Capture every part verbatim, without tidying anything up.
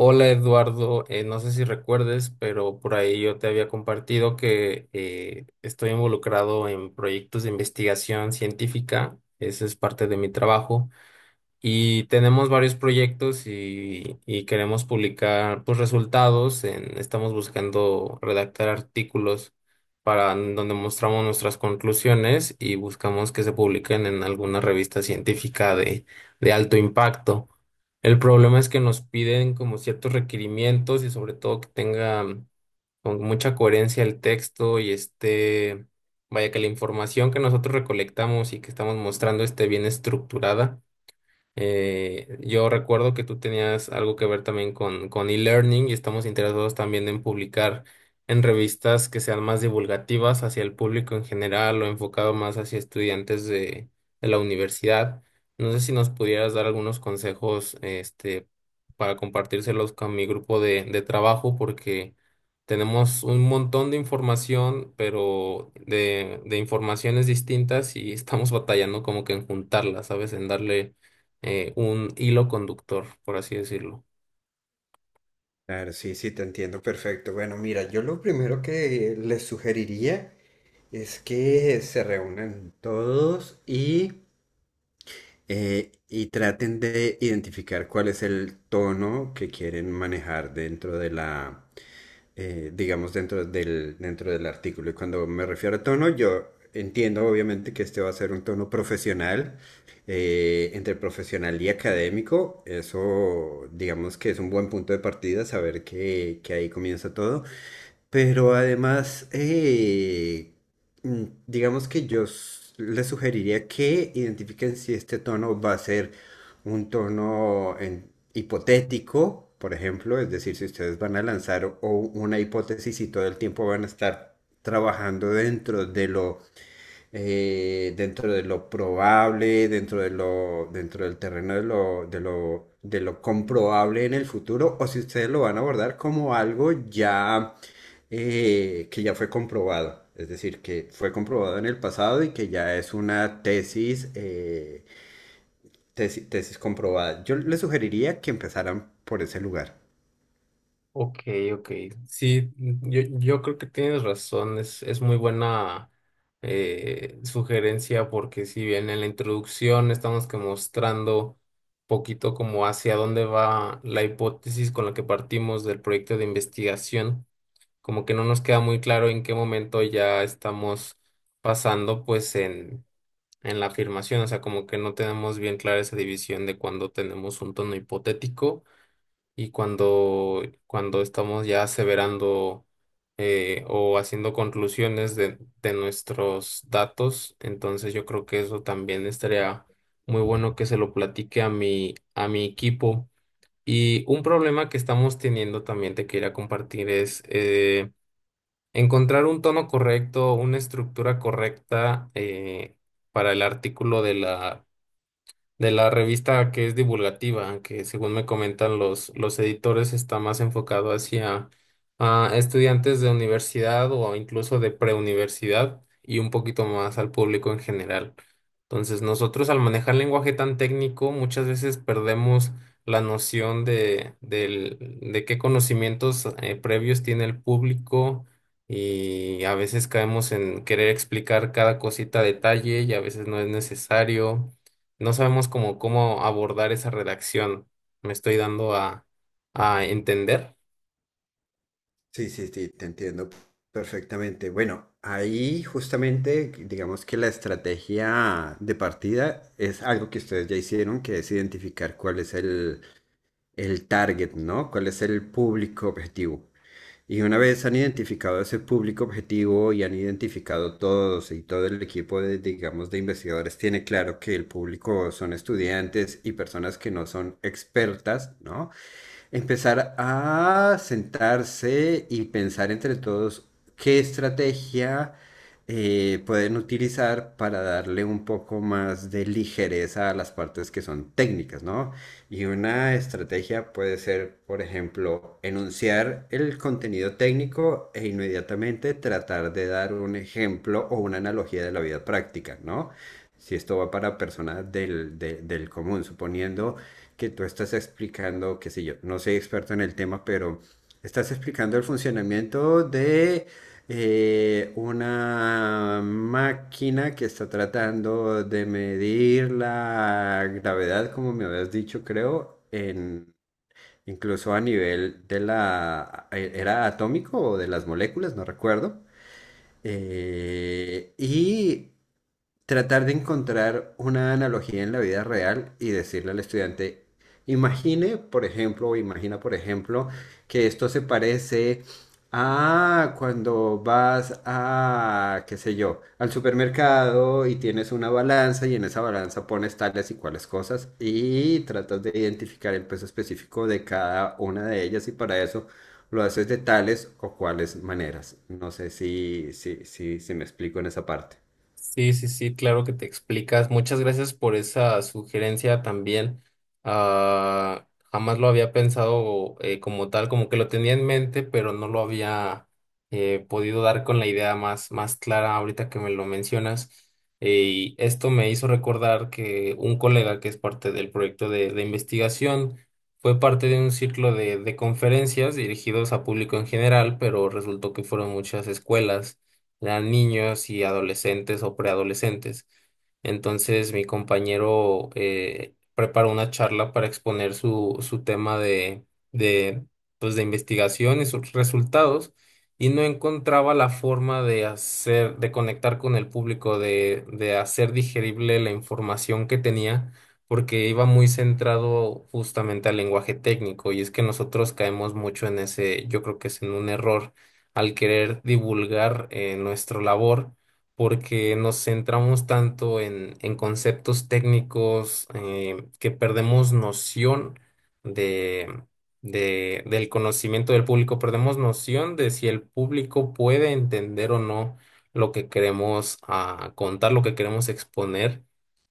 Hola Eduardo. Eh, no sé si recuerdes, pero por ahí yo te había compartido que eh, estoy involucrado en proyectos de investigación científica, ese es parte de mi trabajo, y tenemos varios proyectos y, y queremos publicar, pues, resultados, en- estamos buscando redactar artículos para donde mostramos nuestras conclusiones y buscamos que se publiquen en alguna revista científica de de alto impacto. El problema es que nos piden como ciertos requerimientos y sobre todo que tenga mm, con mucha coherencia el texto y este, vaya que la información que nosotros recolectamos y que estamos mostrando esté bien estructurada. Eh, yo recuerdo que tú tenías algo que ver también con, con e-learning y estamos interesados también en publicar en revistas que sean más divulgativas hacia el público en general o enfocado más hacia estudiantes de, de la universidad. No sé si nos pudieras dar algunos consejos, este, para compartírselos con mi grupo de, de trabajo, porque tenemos un montón de información, pero de, de informaciones distintas y estamos batallando como que en juntarlas, ¿sabes? En darle eh, un hilo conductor, por así decirlo. Claro, sí, sí, te entiendo perfecto. Bueno, mira, yo lo primero que les sugeriría es que se reúnan todos y, eh, y traten de identificar cuál es el tono que quieren manejar dentro de la, eh, digamos, dentro del, dentro del artículo. Y cuando me refiero a tono, yo entiendo obviamente que este va a ser un tono profesional, eh, entre profesional y académico. Eso, digamos que es un buen punto de partida, saber que, que ahí comienza todo. Pero además, eh, mm, digamos que yo s- les sugeriría que identifiquen si este tono va a ser un tono en- hipotético, por ejemplo, es decir, si ustedes van a lanzar o una hipótesis y todo el tiempo van a estar trabajando dentro de lo eh, dentro de lo probable, dentro de lo, dentro del terreno de lo, de lo, de lo comprobable en el futuro, o si ustedes lo van a abordar como algo ya eh, que ya fue comprobado, es decir, que fue comprobado en el pasado y que ya es una tesis, eh, tesis, tesis comprobada. Yo les sugeriría que empezaran por ese lugar. Ok, ok. Sí, yo, yo creo que tienes razón, es, es muy buena eh, sugerencia, porque si bien en la introducción estamos que mostrando poquito como hacia dónde va la hipótesis con la que partimos del proyecto de investigación, como que no nos queda muy claro en qué momento ya estamos pasando pues en en la afirmación, o sea, como que no tenemos bien clara esa división de cuando tenemos un tono hipotético y cuando, cuando estamos ya aseverando, eh, o haciendo conclusiones de, de nuestros datos. Entonces yo creo que eso también estaría muy bueno que se lo platique a mi, a mi equipo. Y un problema que estamos teniendo también te quería compartir es... eh, encontrar un tono correcto, una estructura correcta, eh, para el artículo de la de la revista que es divulgativa, que según me comentan los, los editores está más enfocado hacia a estudiantes de universidad o incluso de preuniversidad y un poquito más al público en general. Entonces, nosotros al manejar lenguaje tan técnico, muchas veces perdemos la noción de, del- de qué conocimientos eh, previos tiene el público, y a veces caemos en querer explicar cada cosita a detalle y a veces no es necesario, no sabemos cómo, cómo abordar esa redacción. Me estoy dando a, a entender. Sí, sí, sí, te entiendo perfectamente. Bueno, ahí justamente digamos que la estrategia de partida es algo que ustedes ya hicieron, que es identificar cuál es el, el target, ¿no? ¿Cuál es el público objetivo? Y una vez han identificado ese público objetivo y han identificado todos y todo el equipo de, digamos, de investigadores tiene claro que el público son estudiantes y personas que no son expertas, ¿no? Empezar a sentarse y pensar entre todos qué estrategia eh, pueden utilizar para darle un poco más de ligereza a las partes que son técnicas, ¿no? Y una estrategia puede ser, por ejemplo, enunciar el contenido técnico e inmediatamente tratar de dar un ejemplo o una analogía de la vida práctica, ¿no? Si esto va para personas del, de- del común, suponiendo que tú estás explicando, qué sé yo, no soy experto en el tema, pero estás explicando el funcionamiento de eh, una máquina que está tratando de medir la gravedad, como me habías dicho, creo, en, incluso a nivel de la, ¿era atómico o de las moléculas? No recuerdo. Eh, y tratar de encontrar una analogía en la vida real y decirle al estudiante, imagine, por ejemplo, o imagina, por ejemplo, que esto se parece a cuando vas a, qué sé yo, al supermercado y tienes una balanza y en esa balanza pones tales y cuales cosas y tratas de identificar el peso específico de cada una de ellas y para eso lo haces de tales o cuales maneras. No sé si, si, si, si me explico en esa parte. Sí, sí, sí, claro que te explicas. Muchas gracias por esa sugerencia también. Ah, jamás lo había pensado eh, como tal, como que lo tenía en mente, pero no lo había eh, podido dar con la idea más, más clara ahorita que me lo mencionas. Eh, y esto me hizo recordar que un colega que es parte del proyecto de, de investigación fue parte de un ciclo de de conferencias dirigidos a público en general, pero resultó que fueron muchas escuelas, eran niños y adolescentes o preadolescentes. Entonces mi compañero eh, preparó una charla para exponer su, su tema de, de, pues, de investigación y sus resultados, y no encontraba la forma de hacer, de conectar con el público, de, de hacer digerible la información que tenía, porque iba muy centrado justamente al lenguaje técnico, y es que nosotros caemos mucho en ese, yo creo que es en un error al querer divulgar eh, nuestra labor, porque nos centramos tanto en, en conceptos técnicos eh, que perdemos noción de, de- del conocimiento del público, perdemos noción de si el público puede entender o no lo que queremos ah, contar, lo que queremos exponer.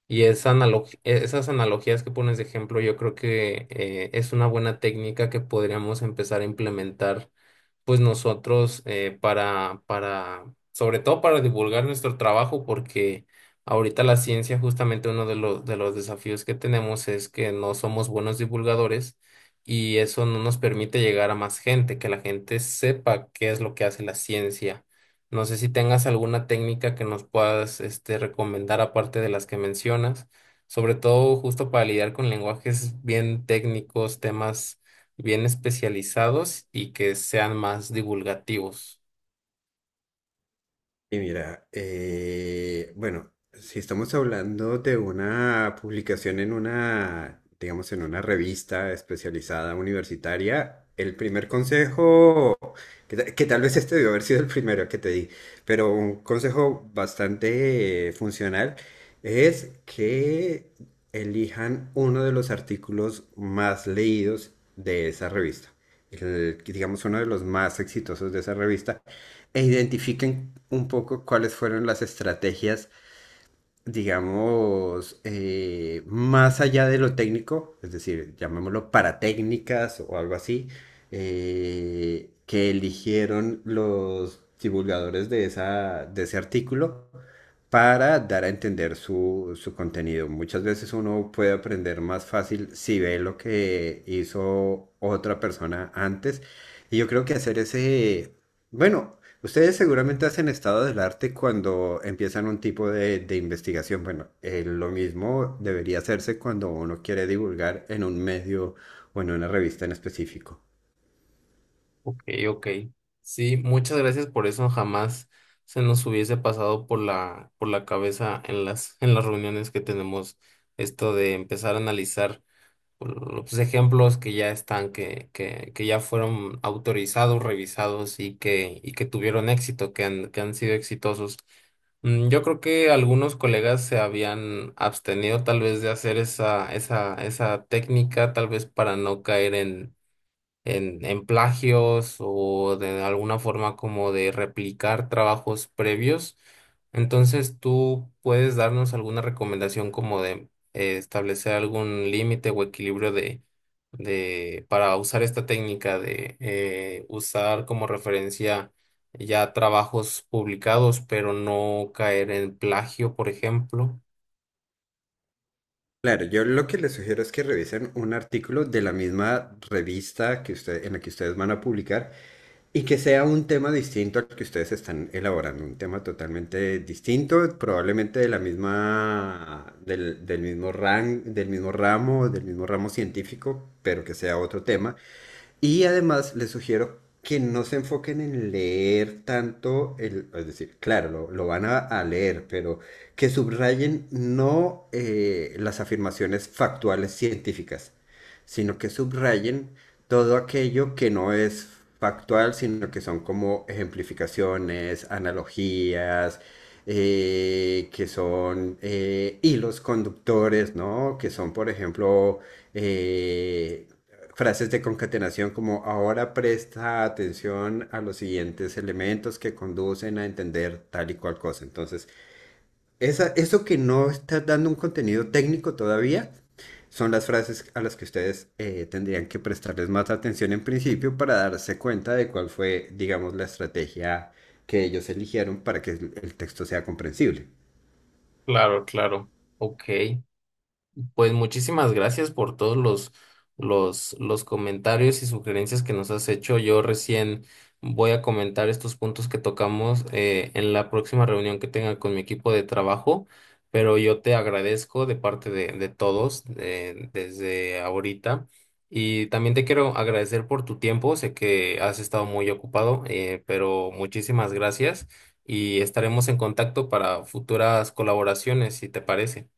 Y esa analog- esas analogías que pones de ejemplo, yo creo que eh, es una buena técnica que podríamos empezar a implementar pues nosotros, eh, para, para, sobre todo para divulgar nuestro trabajo, porque ahorita la ciencia, justamente uno de los, de los desafíos que tenemos es que no somos buenos divulgadores y eso no nos permite llegar a más gente, que la gente sepa qué es lo que hace la ciencia. No sé si tengas alguna técnica que nos puedas, este, recomendar aparte de las que mencionas, sobre todo justo para lidiar con lenguajes bien técnicos, temas bien especializados y que sean más divulgativos. Y mira, eh, bueno, si estamos hablando de una publicación en una, digamos, en una revista especializada universitaria, el primer consejo que, ta- que tal vez este debió haber sido el primero que te di, pero un consejo bastante eh, funcional es que elijan uno de los artículos más leídos de esa revista, el- digamos uno de los más exitosos de esa revista, e identifiquen un poco cuáles fueron las estrategias digamos, eh, más allá de lo técnico, es decir, llamémoslo paratécnicas o algo así, eh, que eligieron los divulgadores de esa, de ese artículo para dar a entender su, su contenido. Muchas veces uno puede aprender más fácil si ve lo que hizo otra persona antes. Y yo creo que hacer ese, bueno, ustedes seguramente hacen estado del arte cuando empiezan un tipo de, de investigación. Bueno, eh, lo mismo debería hacerse cuando uno quiere divulgar en un medio o en una revista en específico. Ok, ok. Sí, muchas gracias por eso. Jamás se nos hubiese pasado por la, por la cabeza en las, en las reuniones que tenemos esto de empezar a analizar los ejemplos que ya están, que, que, que ya fueron autorizados, revisados y que, y que tuvieron éxito, que han, que han sido exitosos. Mm, Yo creo que algunos colegas se habían abstenido tal vez de hacer esa, esa, esa técnica, tal vez para no caer en, en, en plagios o de alguna forma como de replicar trabajos previos. Entonces, ¿tú puedes darnos alguna recomendación como de eh, establecer algún límite o equilibrio de, de para usar esta técnica de eh, usar como referencia ya trabajos publicados, pero no caer en plagio, por ejemplo? Claro, yo lo que les sugiero es que revisen un artículo de la misma revista que usted, en la que ustedes van a publicar. Y que sea un tema distinto al que ustedes están elaborando, un tema totalmente distinto, probablemente de la misma, del, del mismo ran- del mismo ramo, del mismo ramo científico, pero que sea otro tema y además les sugiero que no se enfoquen en leer tanto, el, es decir, claro, lo, lo van a, a leer, pero que subrayen no eh, las afirmaciones factuales científicas, sino que subrayen todo aquello que no es factual, sino que son como ejemplificaciones, analogías, eh, que son eh, hilos conductores, ¿no? Que son, por ejemplo, eh, frases de concatenación como ahora presta atención a los siguientes elementos que conducen a entender tal y cual cosa. Entonces, esa, eso que no está dando un contenido técnico todavía son las frases a las que ustedes eh, tendrían que prestarles más atención en principio para darse cuenta de cuál fue, digamos, la estrategia que ellos eligieron para que el el texto sea comprensible. Claro, claro. Ok. Pues muchísimas gracias por todos los, los, los comentarios y sugerencias que nos has hecho. Yo recién voy a comentar estos puntos que tocamos eh, en la próxima reunión que tenga con mi equipo de trabajo, pero yo te agradezco de parte de, de todos, eh, desde ahorita. Y también te quiero agradecer por tu tiempo. Sé que has estado muy ocupado, eh, pero muchísimas gracias, y estaremos en contacto para futuras colaboraciones, si te parece.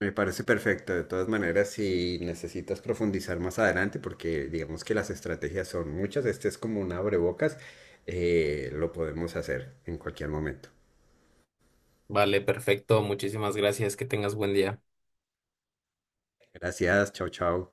Me parece perfecto. De todas maneras, si necesitas profundizar más adelante, porque digamos que las estrategias son muchas, este es como un abrebocas, eh, lo podemos hacer en cualquier momento. Vale, perfecto. Muchísimas gracias. Que tengas buen día. Gracias, chao, chao.